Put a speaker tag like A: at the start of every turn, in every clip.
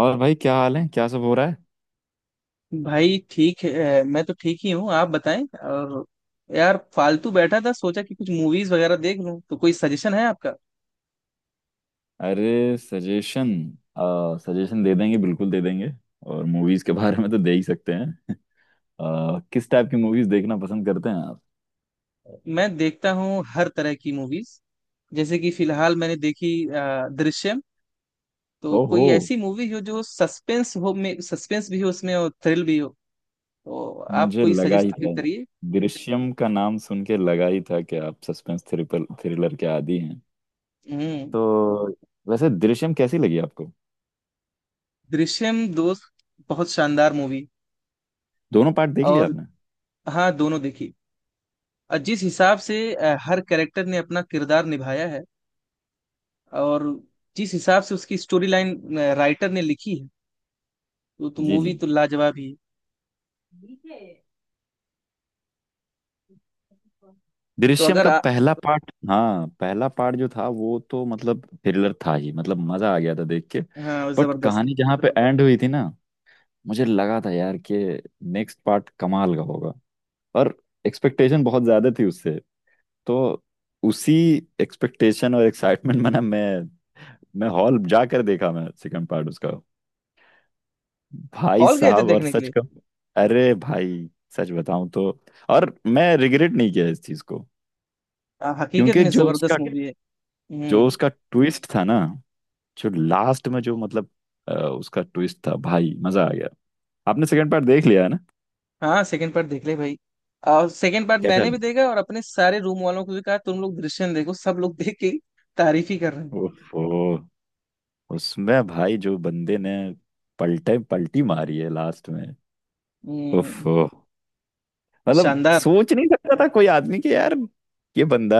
A: और भाई, क्या हाल है? क्या सब हो रहा है?
B: भाई ठीक है। मैं तो ठीक ही हूँ, आप बताएं। और यार, फालतू बैठा था, सोचा कि कुछ मूवीज वगैरह देख लूं। तो कोई सजेशन है आपका?
A: अरे, सजेशन। सजेशन दे देंगे, बिल्कुल दे देंगे। और मूवीज के बारे में तो दे ही सकते हैं। किस टाइप की मूवीज देखना पसंद करते हैं आप?
B: मैं देखता हूँ हर तरह की मूवीज। जैसे कि फिलहाल मैंने देखी दृश्यम। तो
A: ओहो,
B: कोई ऐसी मूवी हो जो सस्पेंस हो, में सस्पेंस भी हो उसमें और थ्रिल भी हो। तो आप
A: मुझे
B: कोई
A: लगा ही
B: सजेस्ट
A: था।
B: करिए।
A: दृश्यम का नाम सुन के लगा ही था कि आप सस्पेंस थ्रिपल थ्रिलर के आदी हैं,
B: हम्म।
A: तो। वैसे दृश्यम कैसी लगी आपको?
B: दृश्यम, दोस्त, बहुत शानदार मूवी।
A: दोनों पार्ट देख लिया
B: और
A: आपने?
B: हाँ, दोनों देखी। और जिस हिसाब से हर कैरेक्टर ने अपना किरदार निभाया है, और जिस हिसाब से उसकी स्टोरी लाइन राइटर ने लिखी है, तो
A: जी,
B: मूवी
A: जी।
B: तो लाजवाब ही है। तो
A: दृश्यम
B: अगर
A: का पहला पार्ट, हाँ पहला पार्ट जो था वो तो मतलब थ्रिलर था ही, मतलब मजा आ गया था देख के।
B: हाँ,
A: बट
B: जबरदस्त।
A: कहानी जहाँ पे एंड हुई थी ना, मुझे लगा था यार कि नेक्स्ट पार्ट कमाल का होगा। और एक्सपेक्टेशन बहुत ज्यादा थी उससे। तो उसी एक्सपेक्टेशन और एक्साइटमेंट में ना मैं हॉल जाकर देखा, मैं सेकंड पार्ट उसका। भाई
B: हॉल गए थे
A: साहब, और
B: देखने के
A: सच
B: लिए?
A: का, अरे भाई, सच बताऊं तो और मैं रिग्रेट नहीं किया इस चीज को।
B: हकीकत
A: क्योंकि
B: में
A: जो उसका
B: जबरदस्त मूवी है।
A: जो
B: हम्म।
A: उसका ट्विस्ट था ना, जो लास्ट में जो मतलब उसका ट्विस्ट था, भाई मजा आ गया। आपने सेकंड पार्ट देख लिया है ना?
B: हाँ, सेकंड पार्ट देख ले भाई। और सेकंड पार्ट
A: कैसा?
B: मैंने भी देखा और अपने सारे रूम वालों को भी कहा तुम लोग दृश्यम देखो। सब लोग देख के तारीफ ही कर रहे हैं।
A: ओफो। उसमें भाई जो बंदे ने पलटे पलटी मारी है लास्ट में,
B: हम्म।
A: ओफो। मतलब
B: शानदार।
A: सोच नहीं सकता था कोई आदमी कि यार, ये बंदा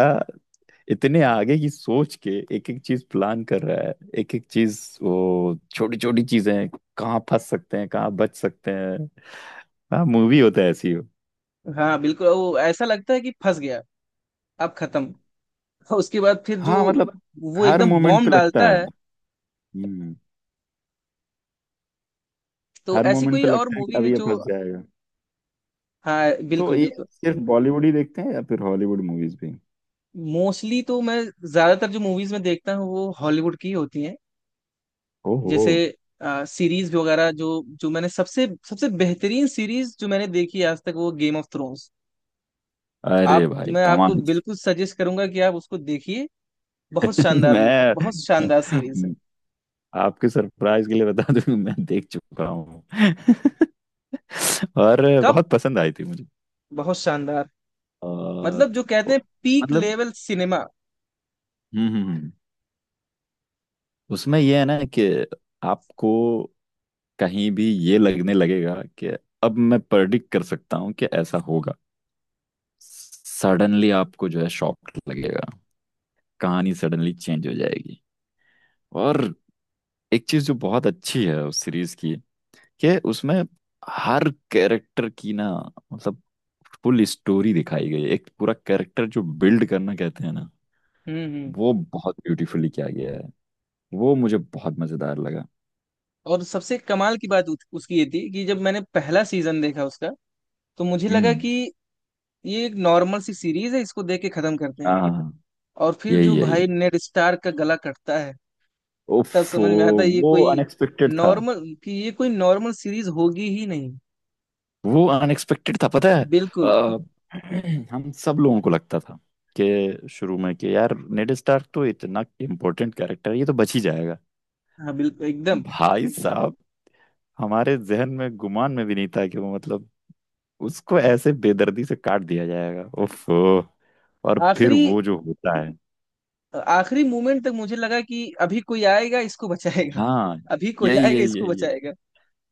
A: इतने आगे की सोच के एक एक चीज प्लान कर रहा है। एक एक चीज, वो छोटी छोटी चीजें, कहाँ फंस सकते हैं, कहाँ बच सकते हैं। हाँ, मूवी होता है ऐसी।
B: हाँ बिल्कुल, वो ऐसा लगता है कि फंस गया, अब खत्म। और उसके बाद फिर जो,
A: हाँ मतलब,
B: वो
A: हर
B: एकदम
A: मोमेंट पे
B: बॉम्ब
A: लगता
B: डालता
A: है।
B: है।
A: हम्म।
B: तो
A: हर
B: ऐसी
A: मोमेंट
B: कोई
A: पे
B: और
A: लगता है कि
B: मूवी
A: अब
B: है
A: ये
B: जो।
A: फंस जाएगा।
B: हाँ
A: तो
B: बिल्कुल
A: ये
B: बिल्कुल।
A: सिर्फ बॉलीवुड ही देखते हैं या फिर हॉलीवुड मूवीज भी?
B: मोस्टली तो मैं, ज्यादातर जो मूवीज में देखता हूँ वो हॉलीवुड की होती हैं।
A: ओहो।
B: जैसे सीरीज वगैरह, जो जो मैंने सबसे सबसे बेहतरीन सीरीज जो मैंने देखी आज तक, वो गेम ऑफ थ्रोन्स।
A: अरे
B: आप
A: भाई,
B: मैं आपको
A: कमाल
B: बिल्कुल सजेस्ट करूंगा कि आप उसको देखिए। बहुत शानदार मूवी, बहुत
A: मैं,
B: शानदार सीरीज है।
A: आपके सरप्राइज के लिए बता दूं, मैं देख चुका हूँ और
B: कब?
A: बहुत पसंद आई थी मुझे।
B: बहुत शानदार।
A: और
B: मतलब जो कहते हैं पीक
A: मतलब।
B: Level cinema.
A: हम्म हम्म, हम्म। उसमें ये है ना कि आपको कहीं भी ये लगने लगेगा कि अब मैं प्रेडिक्ट कर सकता हूँ कि ऐसा होगा। सडनली आपको जो है शॉक लगेगा, कहानी सडनली चेंज हो जाएगी। और एक चीज जो बहुत अच्छी है उस सीरीज की, कि उसमें हर कैरेक्टर की ना, मतलब फुल स्टोरी दिखाई गई है। एक पूरा कैरेक्टर जो बिल्ड करना कहते हैं ना,
B: हम्म।
A: वो बहुत ब्यूटीफुली किया गया है। वो मुझे बहुत मजेदार लगा।
B: और सबसे कमाल की बात उसकी ये थी कि जब मैंने पहला सीजन देखा उसका, तो मुझे लगा
A: हम्म।
B: कि ये एक नॉर्मल सी सीरीज है, इसको देख के खत्म करते हैं।
A: हाँ हाँ, हाँ।
B: और फिर
A: यही
B: जो भाई
A: यही।
B: नेड स्टार का गला कटता है, तब
A: उफ,
B: समझ में आता है ये
A: वो
B: कोई,
A: अनएक्सपेक्टेड था।
B: नॉर्मल कि ये कोई नॉर्मल सीरीज होगी ही नहीं।
A: वो अनएक्सपेक्टेड था, पता है।
B: बिल्कुल।
A: अ, हम सब लोगों को लगता था कि शुरू में, कि यार नेड स्टार्क तो इतना इम्पोर्टेंट कैरेक्टर है, ये तो बच ही जाएगा।
B: हाँ बिल्कुल एकदम।
A: भाई साहब, हमारे जहन में गुमान में भी नहीं था कि वो मतलब, उसको ऐसे बेदर्दी से काट दिया जाएगा। ओफो। और फिर
B: आखिरी,
A: वो जो होता है।
B: आखिरी मोमेंट तक मुझे लगा कि अभी कोई आएगा इसको बचाएगा,
A: हाँ।
B: अभी कोई
A: यही,
B: आएगा
A: यही,
B: इसको
A: यही, यही।
B: बचाएगा।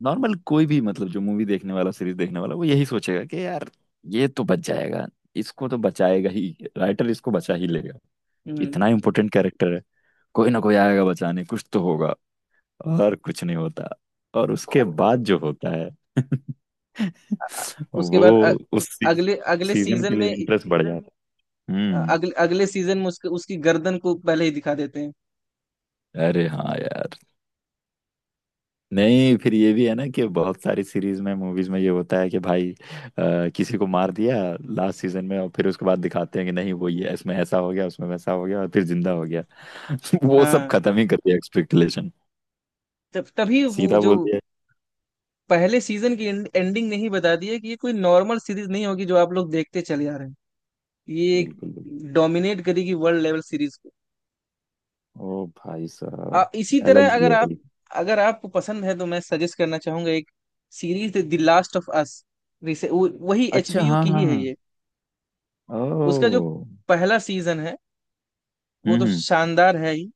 A: नॉर्मल कोई भी मतलब, जो मूवी देखने वाला सीरीज देखने वाला, वो यही सोचेगा कि यार, ये तो बच जाएगा, इसको तो बचाएगा ही, राइटर इसको बचा ही लेगा।
B: हम्म।
A: इतना इम्पोर्टेंट कैरेक्टर है, कोई ना कोई आएगा बचाने, कुछ तो होगा। और कुछ नहीं होता। और उसके बाद जो होता है
B: अ- उसके
A: वो।
B: बाद अ-
A: उस
B: अगले अगले
A: सीजन
B: सीजन
A: के लिए
B: में
A: इंटरेस्ट बढ़ जाता है।
B: अ-
A: हम्म।
B: अगले अगले सीजन में उसके उसकी गर्दन को पहले ही दिखा देते हैं।
A: अरे हाँ यार। नहीं, फिर ये भी है ना कि बहुत सारी सीरीज में, मूवीज में ये होता है कि भाई, किसी को मार दिया लास्ट सीजन में, और फिर उसके बाद दिखाते हैं कि नहीं वो, ये इसमें ऐसा हो गया उसमें वैसा हो गया और फिर जिंदा हो गया। वो सब
B: हाँ,
A: खत्म ही कर दिया एक्सपेक्टेशन,
B: तब तभी वो
A: सीधा
B: जो
A: बोल दिया।
B: पहले सीजन की एंडिंग नहीं बता दी है कि ये कोई नॉर्मल सीरीज नहीं होगी जो आप लोग देखते चले आ रहे हैं। ये एक
A: बिल्कुल बिल्कुल।
B: डोमिनेट करेगी वर्ल्ड लेवल सीरीज को।
A: ओ भाई साहब,
B: इसी
A: अलग
B: तरह
A: ही लेवल।
B: अगर आपको पसंद है तो मैं सजेस्ट करना चाहूंगा एक series, the last of us. वही
A: अच्छा
B: एचबीयू
A: हाँ
B: की
A: हाँ
B: ही है
A: हाँ।
B: ये। उसका जो
A: ओ।
B: पहला सीजन है वो तो
A: हम्म।
B: शानदार है ही,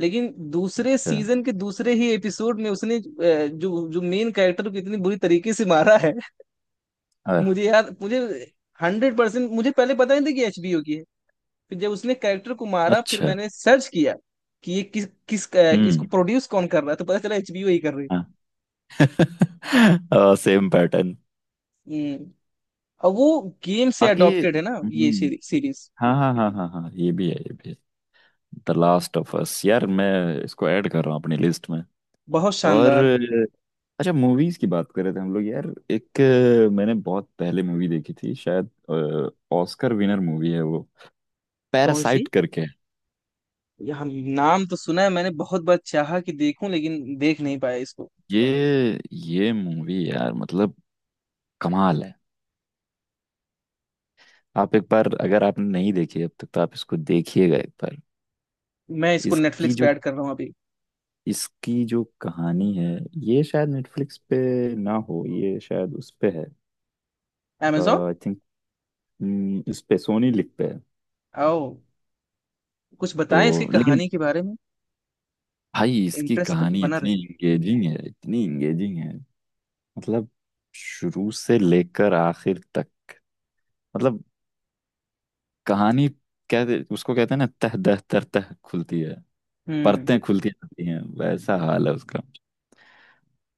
B: लेकिन दूसरे
A: अच्छा।
B: सीजन के दूसरे ही एपिसोड में उसने जो जो मेन कैरेक्टर को इतनी बुरी तरीके से मारा है।
A: अ-
B: मुझे यार, मुझे 100%, मुझे पहले पता नहीं था कि एचबीओ की है। फिर जब उसने कैरेक्टर को मारा, फिर
A: अच्छा।
B: मैंने सर्च किया कि ये किस किस अ, कि
A: हम्म।
B: इसको प्रोड्यूस कौन कर रहा है, तो पता चला एचबीओ ही कर रही
A: हाँ सेम पैटर्न।
B: है। हम्म। और वो गेम से
A: बाकी।
B: अडॉप्टेड है ना ये
A: हम्म।
B: सीरीज।
A: हाँ हाँ हाँ हाँ हाँ, ये भी है, ये भी है। द लास्ट ऑफ अस यार, मैं इसको ऐड कर रहा हूँ अपनी लिस्ट में।
B: बहुत
A: और
B: शानदार है।
A: अच्छा, मूवीज की बात कर रहे थे हम लोग यार। एक, मैंने बहुत पहले मूवी देखी थी शायद, ऑस्कर विनर मूवी है वो,
B: कौन सी?
A: पैरासाइट करके।
B: ये हम, नाम तो सुना है, मैंने बहुत बार चाहा कि देखूं लेकिन देख नहीं पाया इसको।
A: ये मूवी यार, मतलब कमाल है। आप एक बार, अगर आपने नहीं देखी अब तक, तो आप इसको देखिएगा एक बार।
B: मैं इसको
A: इसकी
B: नेटफ्लिक्स पे
A: जो
B: ऐड कर रहा हूँ अभी।
A: इसकी जो कहानी है, ये शायद नेटफ्लिक्स पे ना हो, ये शायद उस पे है,
B: Amazon?
A: आई थिंक, इस पे सोनी लिक पे है।
B: आओ, कुछ
A: तो
B: बताएं इसकी
A: लेकिन
B: कहानी के बारे में।
A: भाई, इसकी
B: इंटरेस्ट तक
A: कहानी
B: बना
A: इतनी
B: रहे।
A: इंगेजिंग है, इतनी इंगेजिंग है। मतलब शुरू से लेकर आखिर तक, मतलब कहानी, कहते उसको कहते हैं ना, तह दह तर तह खुलती है। परतें
B: हम्म।
A: खुलती जाती हैं, वैसा हाल है उसका।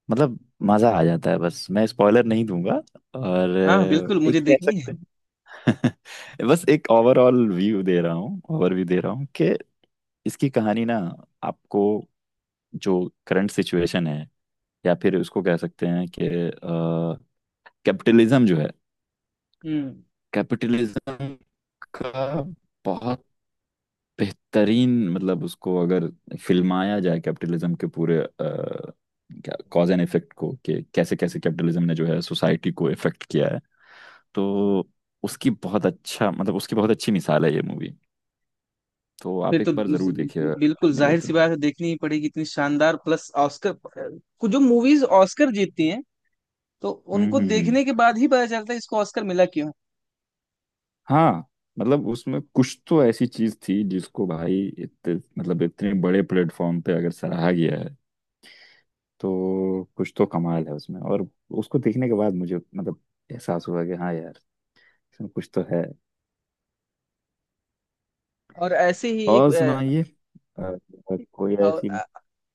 A: मतलब मजा आ जाता है, बस मैं स्पॉइलर नहीं दूंगा। और
B: हाँ बिल्कुल, मुझे
A: एक कह
B: देखनी
A: सकते
B: है।
A: हैं बस एक ओवरऑल व्यू दे रहा हूँ, ओवरव्यू दे रहा हूँ, कि इसकी कहानी ना, आपको जो करंट सिचुएशन है, या फिर उसको कह सकते हैं कि कैपिटलिज्म जो है,
B: हम्म।
A: कैपिटलिज्म का बहुत बेहतरीन, मतलब उसको अगर फिल्माया जाए कैपिटलिज्म के पूरे क्या कॉज एंड इफेक्ट को, कि कैसे कैसे कैपिटलिज्म ने जो है सोसाइटी को इफेक्ट किया है। तो उसकी बहुत अच्छा, मतलब उसकी बहुत अच्छी मिसाल है ये मूवी। तो
B: फिर
A: आप
B: तो
A: एक बार जरूर देखिएगा
B: बिल्कुल
A: time मिले
B: जाहिर सी
A: तो।
B: बात है, देखनी ही पड़ेगी। इतनी शानदार प्लस ऑस्कर। कुछ जो मूवीज ऑस्कर जीतती हैं, तो उनको
A: हम्म।
B: देखने के बाद ही पता चलता है इसको ऑस्कर मिला क्यों है।
A: हाँ मतलब, उसमें कुछ तो ऐसी चीज थी जिसको भाई, इतने मतलब इतने बड़े प्लेटफॉर्म पे अगर सराहा गया है, तो कुछ तो कमाल है उसमें। और उसको देखने के बाद मुझे, मतलब एहसास हुआ कि हाँ यार, इसमें कुछ तो है।
B: और ऐसे ही एक
A: और सुनाइए, अ, अ, कोई
B: और
A: ऐसी
B: अ,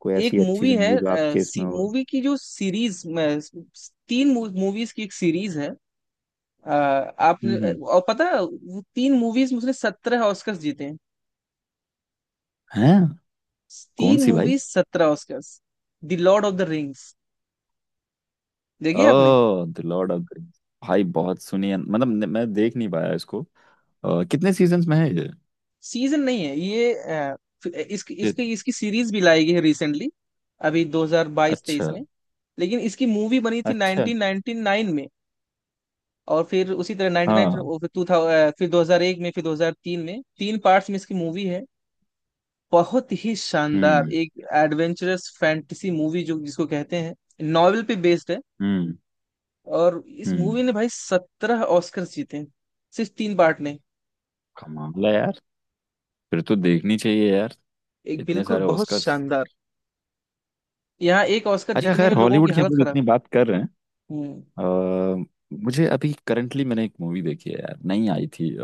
A: कोई
B: एक
A: ऐसी अच्छी सी
B: मूवी है,
A: मूवी जो आपके इसमें हो।
B: मूवी की जो सीरीज तीन मूवीज की एक सीरीज है। अ, आपने
A: हम्म
B: अ,
A: हम्म।
B: और पता है, वो तीन मूवीज में उसने 17 ऑस्कर जीते हैं।
A: हैं? कौन
B: तीन
A: सी भाई?
B: Movies, 17 Oscar. The lord of the rings. देखिए आपने?
A: ओह, the lord of the rings. भाई बहुत सुनी है, मतलब मैं देख नहीं पाया इसको। कितने सीजन्स में है ये?
B: सीजन नहीं है ये, इसकी
A: कि-
B: इसकी इसकी सीरीज भी लाई गई है रिसेंटली, अभी
A: अच्छा,
B: 2022-23 में। लेकिन इसकी मूवी बनी थी
A: अच्छा अच्छा।
B: 1999 में। और फिर उसी तरह 1999
A: हाँ।
B: और फिर 2000, फिर 2001 में, फिर 2003 में, तीन पार्ट्स में इसकी मूवी है। बहुत ही शानदार
A: हम्म
B: एक एडवेंचरस फैंटेसी मूवी, जो जिसको कहते हैं नॉवेल पे बेस्ड है।
A: हम्म
B: और इस मूवी
A: हम्म।
B: ने भाई 17 ऑस्कर जीते हैं, सिर्फ 3 पार्ट ने।
A: कमाल है यार, फिर तो देखनी चाहिए यार,
B: एक
A: इतने
B: बिल्कुल
A: सारे
B: बहुत
A: ऑस्कर्स।
B: शानदार। यहाँ एक ऑस्कर
A: अच्छा
B: जीतने
A: खैर,
B: में लोगों की
A: हॉलीवुड की हम
B: हालत
A: लोग
B: खराब।
A: इतनी बात कर रहे
B: हम्म।
A: हैं। अ, मुझे अभी करंटली मैंने एक मूवी देखी है यार, नहीं आई थी,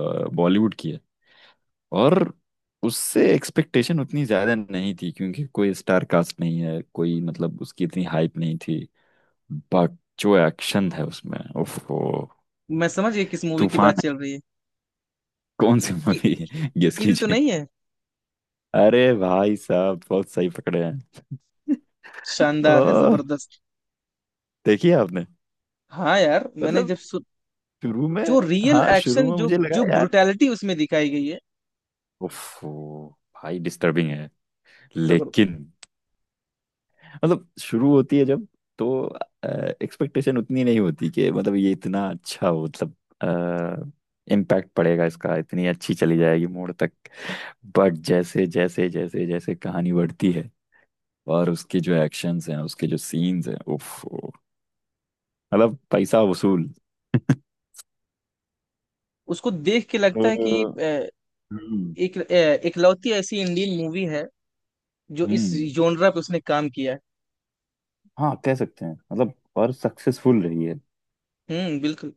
A: बॉलीवुड की है। और उससे एक्सपेक्टेशन उतनी ज्यादा नहीं थी, क्योंकि कोई स्टार कास्ट नहीं है कोई, मतलब उसकी इतनी हाइप नहीं थी। बट जो एक्शन है उसमें, ओफो,
B: मैं समझ गया किस मूवी की
A: तूफान
B: बात
A: है।
B: चल रही है।
A: कौन सी
B: कि
A: मूवी है? गेस
B: किल तो
A: कीजिए।
B: नहीं है?
A: अरे भाई साहब, बहुत सही पकड़े हैं।
B: शानदार है,
A: ओह,
B: जबरदस्त।
A: देखिए आपने।
B: हाँ यार, मैंने
A: मतलब
B: जब सु...
A: शुरू
B: जो
A: में,
B: रियल
A: हाँ शुरू
B: एक्शन,
A: में
B: जो
A: मुझे लगा
B: जो
A: यार,
B: ब्रुटैलिटी उसमें दिखाई गई है।
A: ओफो। भाई डिस्टर्बिंग है,
B: जबर।
A: लेकिन मतलब शुरू होती है जब, तो एक्सपेक्टेशन उतनी नहीं होती कि मतलब ये इतना अच्छा हो, मतलब इम्पैक्ट पड़ेगा इसका, इतनी अच्छी चली जाएगी मोड़ तक। बट जैसे जैसे जैसे जैसे कहानी बढ़ती है, और उसके जो एक्शंस हैं, उसके जो सीन्स हैं उफ, मतलब पैसा वसूल।
B: उसको देख के लगता है कि
A: तो। हम्म
B: एक इकलौती ऐसी इंडियन मूवी है जो इस
A: हम्म।
B: जोनरा पे उसने काम किया है।
A: हाँ कह सकते हैं मतलब, और सक्सेसफुल रही है।
B: बिल्कुल।